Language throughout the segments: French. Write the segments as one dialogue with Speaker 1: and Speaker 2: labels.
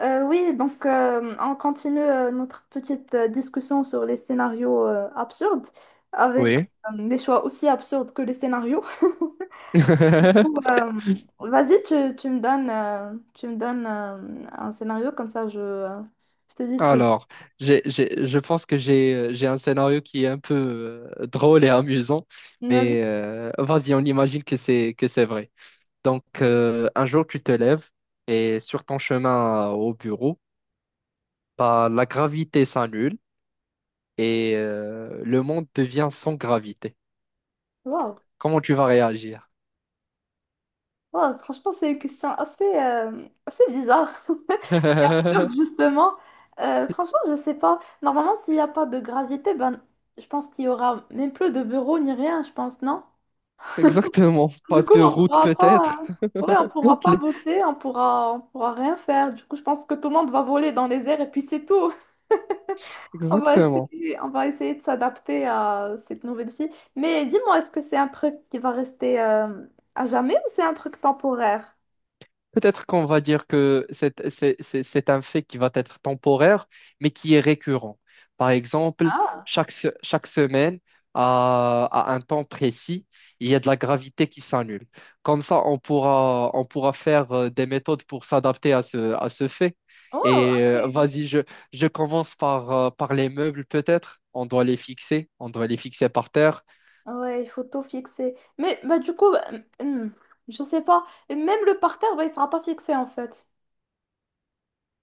Speaker 1: On continue notre petite discussion sur les scénarios absurdes, avec
Speaker 2: Oui.
Speaker 1: des choix aussi absurdes que les scénarios. Ou, euh, vas-y, tu me donnes un scénario, comme ça je te dis ce que
Speaker 2: Alors, je pense que j'ai un scénario qui est un peu drôle et amusant,
Speaker 1: Vas-y.
Speaker 2: mais vas-y, on imagine que c'est vrai. Donc, un jour, tu te lèves et sur ton chemin au bureau, bah, la gravité s'annule et le monde devient sans gravité.
Speaker 1: Wow.
Speaker 2: Comment tu vas réagir?
Speaker 1: Wow, franchement, c'est une question assez, assez bizarre. Absurde, justement. Franchement, je sais pas. Normalement, s'il n'y a pas de gravité, ben, je pense qu'il y aura même plus de bureaux ni rien, je pense, non?
Speaker 2: Exactement. Pas
Speaker 1: Du coup,
Speaker 2: de
Speaker 1: on
Speaker 2: route
Speaker 1: pourra pas,
Speaker 2: peut-être.
Speaker 1: hein. Ouais, on pourra pas
Speaker 2: Les-
Speaker 1: bosser, on pourra rien faire. Du coup, je pense que tout le monde va voler dans les airs et puis c'est tout.
Speaker 2: Exactement.
Speaker 1: On va essayer de s'adapter à cette nouvelle vie. Mais dis-moi, est-ce que c'est un truc qui va rester à jamais ou c'est un truc temporaire?
Speaker 2: Peut-être qu'on va dire que c'est un fait qui va être temporaire, mais qui est récurrent. Par exemple,
Speaker 1: Ah,
Speaker 2: chaque semaine, à un temps précis, il y a de la gravité qui s'annule. Comme ça, on pourra faire des méthodes pour s'adapter à ce fait.
Speaker 1: oh,
Speaker 2: Et
Speaker 1: ok.
Speaker 2: vas-y, je commence par les meubles, peut-être. On doit les fixer, on doit les fixer par terre.
Speaker 1: Ouais, il faut tout fixer. Mais bah, du coup, je sais pas. Et même le parterre, bah, il sera pas fixé en fait.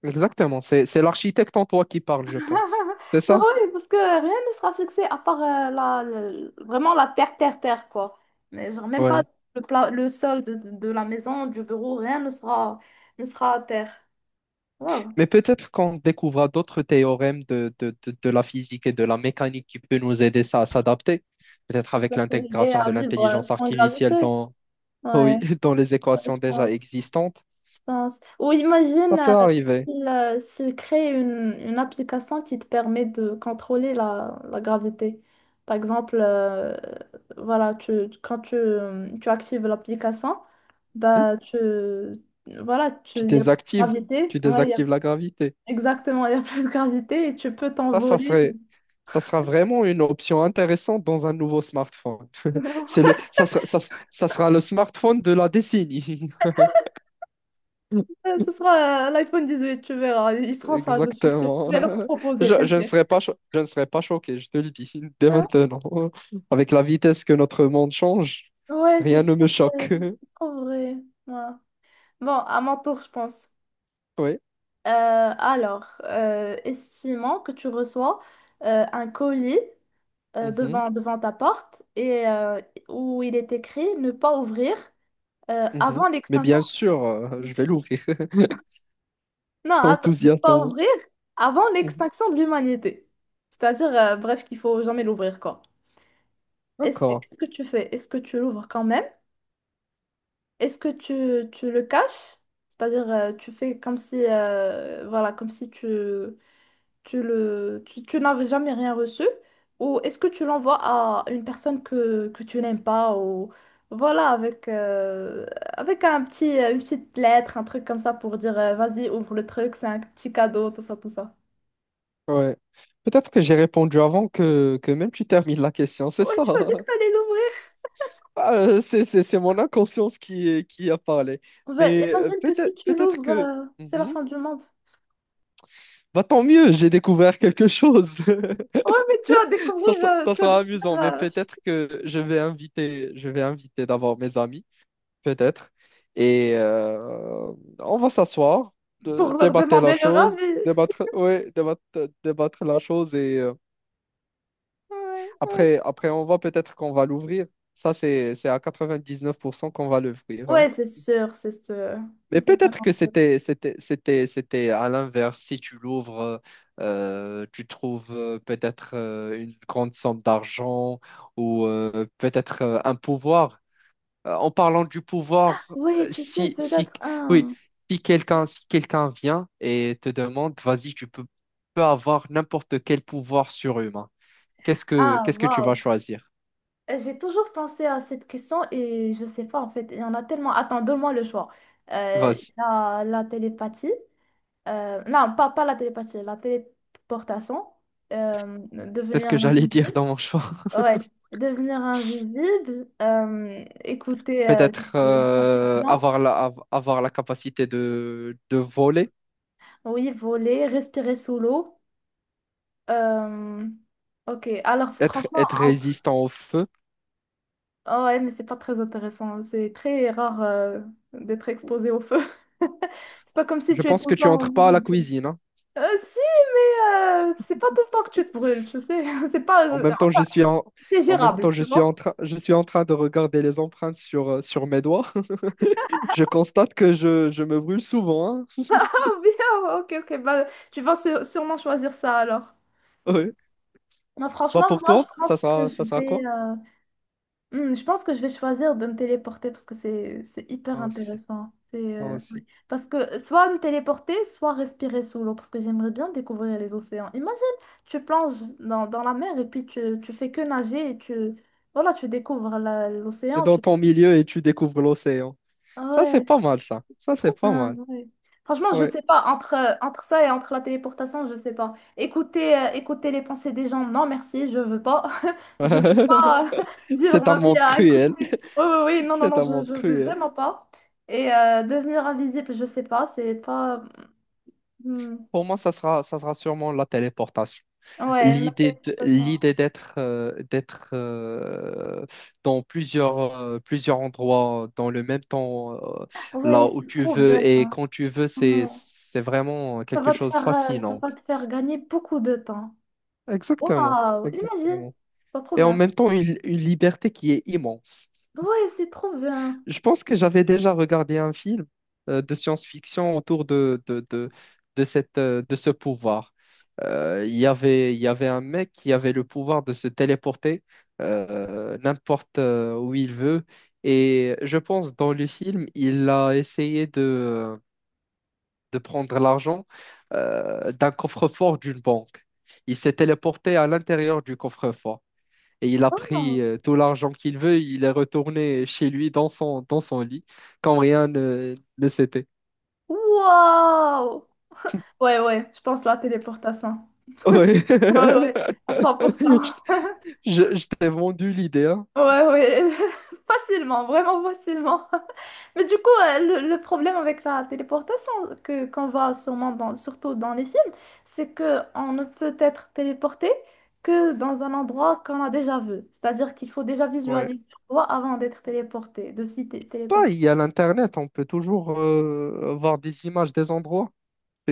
Speaker 2: Exactement, c'est l'architecte en toi qui parle, je pense. C'est
Speaker 1: Mais
Speaker 2: ça?
Speaker 1: oui, parce que rien ne sera fixé à part vraiment la terre, terre, terre, quoi. Mais genre, même pas
Speaker 2: Ouais.
Speaker 1: le sol de la maison, du bureau, rien ne sera, ne sera à terre. Wow.
Speaker 2: Mais peut-être qu'on découvrira d'autres théorèmes de la physique et de la mécanique qui peut nous aider ça à s'adapter, peut-être avec
Speaker 1: Obliger
Speaker 2: l'intégration
Speaker 1: à
Speaker 2: de
Speaker 1: vivre
Speaker 2: l'intelligence
Speaker 1: sans gravité.
Speaker 2: artificielle dans, oui,
Speaker 1: Ouais,
Speaker 2: dans les
Speaker 1: ouais, je
Speaker 2: équations déjà
Speaker 1: pense.
Speaker 2: existantes.
Speaker 1: Mince. Ou
Speaker 2: Ça
Speaker 1: imagine
Speaker 2: peut arriver.
Speaker 1: s'il crée une application qui te permet de contrôler la gravité. Par exemple, voilà, quand tu actives l'application,
Speaker 2: Hmm.
Speaker 1: bah, tu, voilà, tu,
Speaker 2: Tu
Speaker 1: il y a plus de
Speaker 2: désactives,
Speaker 1: gravité.
Speaker 2: tu désactives la gravité.
Speaker 1: Exactement, il y a plus de gravité et tu peux
Speaker 2: Ça, ça
Speaker 1: t'envoler.
Speaker 2: serait, ça sera vraiment une option intéressante dans un nouveau smartphone. C'est le, ça sera, ça sera le smartphone de la décennie.
Speaker 1: Ouais, ce sera l'iPhone huit tu verras. Ils feront ça, je suis sûre. Je
Speaker 2: Exactement.
Speaker 1: vais leur proposer,
Speaker 2: Je, je ne
Speaker 1: t'inquiète.
Speaker 2: serais pas, cho- je ne serais pas choqué, je te le dis, dès maintenant. Avec la vitesse que notre monde change,
Speaker 1: Ouais, c'est
Speaker 2: rien ne
Speaker 1: trop
Speaker 2: me
Speaker 1: vrai.
Speaker 2: choque.
Speaker 1: C'est trop vrai. Ouais. Bon, à mon tour, je pense.
Speaker 2: Oui.
Speaker 1: Euh, estimons que tu reçois un colis
Speaker 2: Mhm,
Speaker 1: devant ta porte où il est écrit ne pas ouvrir
Speaker 2: mhm.
Speaker 1: avant
Speaker 2: Mais
Speaker 1: l'extinction.
Speaker 2: bien sûr, je vais l'ouvrir.
Speaker 1: Non, attends, ne
Speaker 2: L'enthousiaste en
Speaker 1: pas
Speaker 2: moi.
Speaker 1: ouvrir avant
Speaker 2: Mhm.
Speaker 1: l'extinction de l'humanité. C'est-à-dire, bref, qu'il faut jamais l'ouvrir, quoi.
Speaker 2: D'accord.
Speaker 1: Qu'est-ce que tu fais? Est-ce que tu l'ouvres quand même? Est-ce que tu le caches? C'est-à-dire, tu fais comme si, voilà, comme si tu tu tu n'avais jamais rien reçu, ou est-ce que tu l'envoies à une personne que tu n'aimes pas, ou voilà, avec un petit, une petite lettre, un truc comme ça pour dire, vas-y, ouvre le truc, c'est un petit cadeau, tout ça, tout ça.
Speaker 2: Ouais. Peut-être que j'ai répondu avant que même tu termines la question, c'est
Speaker 1: Ouais,
Speaker 2: ça.
Speaker 1: tu m'as dit que t'allais l'ouvrir.
Speaker 2: Ah, c'est mon inconscience qui a parlé.
Speaker 1: Ouais,
Speaker 2: Mais
Speaker 1: imagine que si
Speaker 2: peut-être,
Speaker 1: tu
Speaker 2: peut-être
Speaker 1: l'ouvres,
Speaker 2: que...
Speaker 1: c'est la
Speaker 2: Mhm.
Speaker 1: fin du monde.
Speaker 2: Bah, tant mieux, j'ai découvert quelque chose.
Speaker 1: Ouais, mais
Speaker 2: Ça, ça- ça
Speaker 1: tu vas
Speaker 2: sera
Speaker 1: découvrir
Speaker 2: amusant, mais peut-être que je vais inviter d'abord mes amis, peut-être. Et on va s'asseoir,
Speaker 1: pour leur
Speaker 2: débattre la
Speaker 1: demander leur
Speaker 2: chose,
Speaker 1: avis.
Speaker 2: débattre, ouais, débattre la chose. Et
Speaker 1: Ouais, ouais.
Speaker 2: après, on va peut-être qu'on va l'ouvrir. Ça, c'est à 99% qu'on va l'ouvrir, hein.
Speaker 1: Ouais, c'est sûr, c'est sûr.
Speaker 2: Mais
Speaker 1: C'est
Speaker 2: peut-être
Speaker 1: vraiment
Speaker 2: que
Speaker 1: sûr.
Speaker 2: c'était à l'inverse. Si tu l'ouvres, tu trouves peut-être une grande somme d'argent ou peut-être un pouvoir. En parlant du pouvoir,
Speaker 1: Ouais, tu sais,
Speaker 2: si
Speaker 1: peut-être
Speaker 2: oui,
Speaker 1: un.
Speaker 2: si quelqu'un vient et te demande, vas-y, tu peux avoir n'importe quel pouvoir surhumain. Qu'est-ce que
Speaker 1: Ah,
Speaker 2: qu'est-ce que tu vas
Speaker 1: waouh.
Speaker 2: choisir?
Speaker 1: J'ai toujours pensé à cette question et je sais pas en fait. Il y en a tellement. Attends, donne-moi le choix.
Speaker 2: Vas-y.
Speaker 1: La télépathie. Pas la télépathie, la téléportation.
Speaker 2: C'est ce
Speaker 1: Devenir
Speaker 2: que j'allais dire
Speaker 1: invisible.
Speaker 2: dans mon choix.
Speaker 1: Ouais, devenir invisible. Écouter
Speaker 2: Peut-être
Speaker 1: les pensées des gens.
Speaker 2: avoir la capacité de voler,
Speaker 1: Oui, voler, respirer sous l'eau. euh, ok, alors
Speaker 2: être,
Speaker 1: franchement,
Speaker 2: être résistant au feu.
Speaker 1: ah ouais, mais c'est pas très intéressant. C'est très rare d'être exposé au feu. C'est pas comme si
Speaker 2: Je
Speaker 1: tu es
Speaker 2: pense
Speaker 1: tout
Speaker 2: que
Speaker 1: le
Speaker 2: tu
Speaker 1: temps en
Speaker 2: entres pas à
Speaker 1: milieu
Speaker 2: la
Speaker 1: de-
Speaker 2: cuisine, hein.
Speaker 1: Si, mais c'est pas tout le temps que tu te brûles, tu sais. C'est pas...
Speaker 2: En même temps, je suis en,
Speaker 1: C'est
Speaker 2: en même
Speaker 1: gérable,
Speaker 2: temps,
Speaker 1: tu vois.
Speaker 2: je suis en train de regarder les empreintes sur, sur mes doigts. Je constate que je me brûle souvent,
Speaker 1: Ah bien, ok, ok. Bah, sûrement choisir ça alors.
Speaker 2: hein. Ouais.
Speaker 1: Non,
Speaker 2: Bah
Speaker 1: franchement,
Speaker 2: pour
Speaker 1: moi, je
Speaker 2: toi, ça
Speaker 1: pense que
Speaker 2: sera,
Speaker 1: je
Speaker 2: ça sera
Speaker 1: vais...
Speaker 2: quoi?
Speaker 1: euh, Hmm, je pense que je vais choisir de me téléporter parce que c'est hyper
Speaker 2: Moi aussi,
Speaker 1: intéressant. C'est
Speaker 2: moi aussi.
Speaker 1: ouais. Parce que soit me téléporter, soit respirer sous l'eau parce que j'aimerais bien découvrir les océans. Imagine, tu plonges dans la mer et puis tu fais que nager et tu voilà, tu découvres
Speaker 2: Et
Speaker 1: l'océan. Tu...
Speaker 2: dans ton milieu et tu découvres l'océan.
Speaker 1: Ah
Speaker 2: Ça, c'est
Speaker 1: ouais.
Speaker 2: pas mal, ça. Ça,
Speaker 1: C'est
Speaker 2: c'est
Speaker 1: trop
Speaker 2: pas
Speaker 1: bien,
Speaker 2: mal.
Speaker 1: ouais. Franchement, je
Speaker 2: Ouais.
Speaker 1: sais pas, entre, entre ça et entre la téléportation, je sais pas. Écouter, écouter les pensées des gens, non merci, je veux pas. Je veux pas vivre
Speaker 2: C'est un
Speaker 1: ma vie
Speaker 2: monde
Speaker 1: à écouter.
Speaker 2: cruel.
Speaker 1: Oui, oui, oui, non, non,
Speaker 2: C'est
Speaker 1: non,
Speaker 2: un monde
Speaker 1: je veux
Speaker 2: cruel.
Speaker 1: vraiment pas. Et devenir invisible, je sais pas, c'est pas. Hmm.
Speaker 2: Pour moi, ça sera sûrement la téléportation.
Speaker 1: Ouais, la
Speaker 2: L'idée de-
Speaker 1: téléportation.
Speaker 2: l'idée d'être dans plusieurs endroits dans le même temps, euh, là
Speaker 1: Ouais,
Speaker 2: où
Speaker 1: c'est
Speaker 2: tu
Speaker 1: trop bien.
Speaker 2: veux et
Speaker 1: Hein.
Speaker 2: quand tu veux, c'est,
Speaker 1: Ouais.
Speaker 2: c'est vraiment
Speaker 1: Ça
Speaker 2: quelque
Speaker 1: va te
Speaker 2: chose de
Speaker 1: faire, ça
Speaker 2: fascinant.
Speaker 1: va te faire gagner beaucoup de temps.
Speaker 2: Exactement,
Speaker 1: Waouh, imagine,
Speaker 2: exactement.
Speaker 1: c'est trop
Speaker 2: Et en
Speaker 1: bien.
Speaker 2: même temps, une liberté qui est immense.
Speaker 1: Ouais, c'est trop bien.
Speaker 2: Je pense que j'avais déjà regardé un film de science-fiction autour de ce pouvoir. Il y avait, un mec qui avait le pouvoir de se téléporter n'importe où il veut. Et je pense dans le film, il a essayé de prendre l'argent d'un coffre-fort d'une banque. Il s'est téléporté à l'intérieur du coffre-fort. Et il a pris
Speaker 1: Waouh.
Speaker 2: tout l'argent qu'il veut, il est retourné chez lui dans son lit, quand rien ne s'était.
Speaker 1: Wow! Ouais, ouais, je pense la téléportation.
Speaker 2: Ouais.
Speaker 1: Ouais, ouais, à cent pour cent.
Speaker 2: Je, je t'ai vendu l'idée, hein.
Speaker 1: Ouais, ouais, facilement, vraiment facilement. Mais du coup, le problème avec la téléportation que qu'on voit sûrement dans, surtout dans les films, c'est que on ne peut être téléporté que dans un endroit qu'on a déjà vu. C'est-à-dire qu'il faut déjà
Speaker 2: Ouais.
Speaker 1: visualiser l'endroit avant d'être téléporté,
Speaker 2: Bah,
Speaker 1: téléporter.
Speaker 2: il y a l'internet, on peut toujours voir des images des endroits.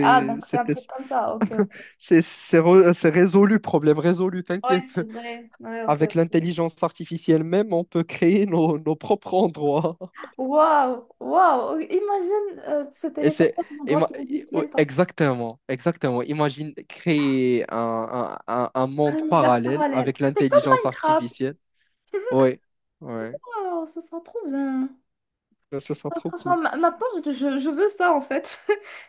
Speaker 1: Ah, donc c'est un
Speaker 2: c'était-
Speaker 1: truc comme ça, ok, ok.
Speaker 2: c'est résolu, problème résolu,
Speaker 1: Ouais,
Speaker 2: t'inquiète.
Speaker 1: c'est vrai. Ouais, ok.
Speaker 2: Avec
Speaker 1: Ok.
Speaker 2: l'intelligence artificielle même, on peut créer nos propres endroits.
Speaker 1: Waouh, waouh, imagine se
Speaker 2: Et
Speaker 1: téléporter à un endroit
Speaker 2: ima-
Speaker 1: qui n'existe même pas,
Speaker 2: exactement, exactement. Imagine créer un
Speaker 1: un
Speaker 2: monde
Speaker 1: univers
Speaker 2: parallèle
Speaker 1: parallèle.
Speaker 2: avec
Speaker 1: Ah, c'est comme
Speaker 2: l'intelligence
Speaker 1: Minecraft.
Speaker 2: artificielle. Oui, ouais.
Speaker 1: Waouh, ça sera trop bien.
Speaker 2: Ça sera
Speaker 1: Ah,
Speaker 2: trop
Speaker 1: franchement,
Speaker 2: cool.
Speaker 1: maintenant, je veux ça en fait.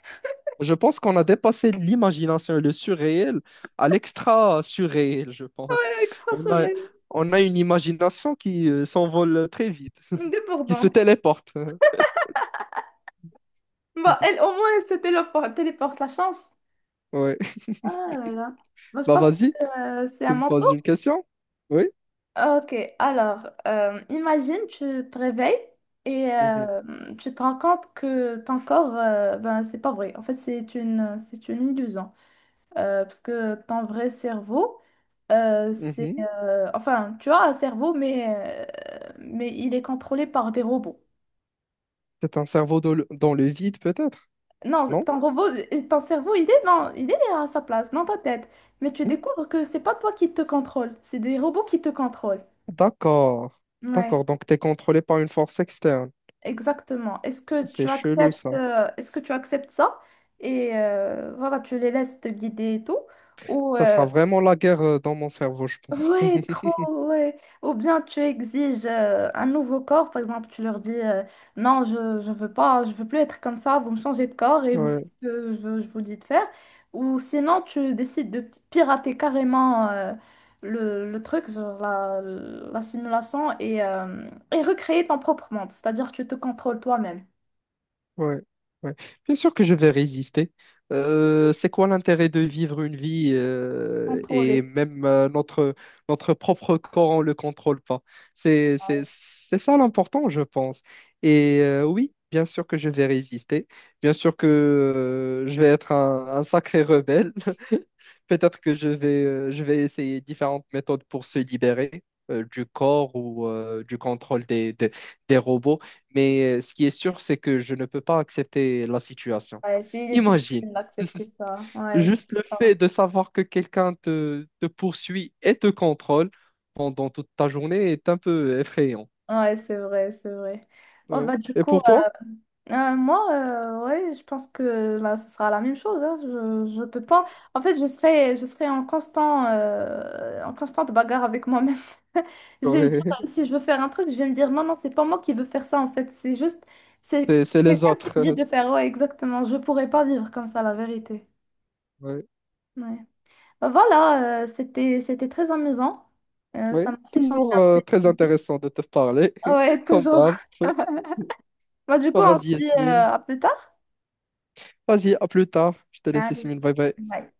Speaker 2: Je pense qu'on a dépassé l'imagination le surréel à l'extra surréel, je pense. On a,
Speaker 1: Extraterrestre.
Speaker 2: on a une imagination qui s'envole très vite, qui se
Speaker 1: Débordant.
Speaker 2: téléporte.
Speaker 1: Bah, elle, au moins, elle se téléporte, téléporte la chance.
Speaker 2: Ouais.
Speaker 1: Ah là là. Moi, je
Speaker 2: Bah
Speaker 1: pense
Speaker 2: vas-y,
Speaker 1: que c'est à
Speaker 2: tu me
Speaker 1: mon
Speaker 2: poses
Speaker 1: tour.
Speaker 2: une question? Oui.
Speaker 1: Ok, alors, imagine, tu te réveilles et
Speaker 2: Mhm,
Speaker 1: euh, tu te rends compte que ton corps, ben, c'est pas vrai. En fait, c'est une illusion. Parce que ton vrai cerveau,
Speaker 2: mhm.
Speaker 1: enfin, tu as un cerveau, mais il est contrôlé par des robots.
Speaker 2: C'est un cerveau dans le vide, peut-être,
Speaker 1: Non,
Speaker 2: non?
Speaker 1: ton robot, ton cerveau, il est à sa place, dans ta tête. Mais tu
Speaker 2: Hmm?
Speaker 1: découvres que c'est pas toi qui te contrôle, c'est des robots qui te contrôlent.
Speaker 2: D'accord.
Speaker 1: Ouais,
Speaker 2: D'accord. Donc, t'es contrôlé par une force externe.
Speaker 1: exactement. Est-ce que
Speaker 2: C'est
Speaker 1: tu
Speaker 2: chelou,
Speaker 1: acceptes,
Speaker 2: ça.
Speaker 1: est-ce que tu acceptes ça? Et voilà, tu les laisses te guider et tout. Ou,
Speaker 2: Ça
Speaker 1: euh,
Speaker 2: sera vraiment la guerre dans mon cerveau, je pense.
Speaker 1: Ouais, trop, ouais. Ou bien tu exiges un nouveau corps, par exemple, tu leur dis non, je veux pas, je veux plus être comme ça, vous me changez de corps et vous faites
Speaker 2: Ouais.
Speaker 1: ce que je vous dis de faire. Ou sinon, tu décides de pirater carrément le truc, genre la simulation et recréer ton propre monde, c'est-à-dire tu te contrôles toi-même.
Speaker 2: Ouais, ouais. Bien sûr que je vais résister. C'est quoi l'intérêt de vivre une vie et
Speaker 1: Contrôler.
Speaker 2: même notre propre corps, on ne le contrôle pas. C'est, c'est,
Speaker 1: Ouais,
Speaker 2: c'est ça l'important, je pense. Et oui, bien sûr que je vais résister. Bien sûr que je vais être un sacré rebelle. Peut-être que je vais essayer différentes méthodes pour se libérer du corps ou du contrôle des robots. Mais ce qui est sûr, c'est que je ne peux pas accepter la situation.
Speaker 1: ouais, c'est il est
Speaker 2: Imagine,
Speaker 1: difficile d'accepter ça. Ouais, tu...
Speaker 2: juste le fait de savoir que quelqu'un te poursuit et te contrôle pendant toute ta journée est un peu effrayant.
Speaker 1: Ouais, c'est vrai, c'est vrai. Bon,
Speaker 2: Ouais.
Speaker 1: bah, du
Speaker 2: Et
Speaker 1: coup.
Speaker 2: pour toi?
Speaker 1: Moi, ouais, je pense que là, ce sera la même chose. Hein. Je peux pas.
Speaker 2: Ouais.
Speaker 1: En fait, je serai en en constante bagarre avec moi-même. Je vais me dire, si je veux faire un truc, je vais me dire, non, non, c'est pas moi qui veux faire ça, en fait. C'est juste,
Speaker 2: C'est
Speaker 1: c'est
Speaker 2: les
Speaker 1: quelqu'un qui
Speaker 2: autres.
Speaker 1: me dit de faire, ouais, exactement. Je pourrais pas vivre comme ça, la vérité.
Speaker 2: Ouais.
Speaker 1: Ouais. Bah voilà, c'était très amusant. Ça
Speaker 2: Ouais.
Speaker 1: m'a fait changer
Speaker 2: Toujours
Speaker 1: un peu
Speaker 2: très
Speaker 1: d'idée.
Speaker 2: intéressant de te parler,
Speaker 1: Ouais,
Speaker 2: comme
Speaker 1: toujours.
Speaker 2: d'hab.
Speaker 1: Bah, du coup,
Speaker 2: Bah,
Speaker 1: on se
Speaker 2: vas-y,
Speaker 1: dit,
Speaker 2: Yasmine.
Speaker 1: à plus tard.
Speaker 2: Vas-y, à plus tard. Je te laisse,
Speaker 1: Allez.
Speaker 2: Yasmine. Bye bye.
Speaker 1: Bye.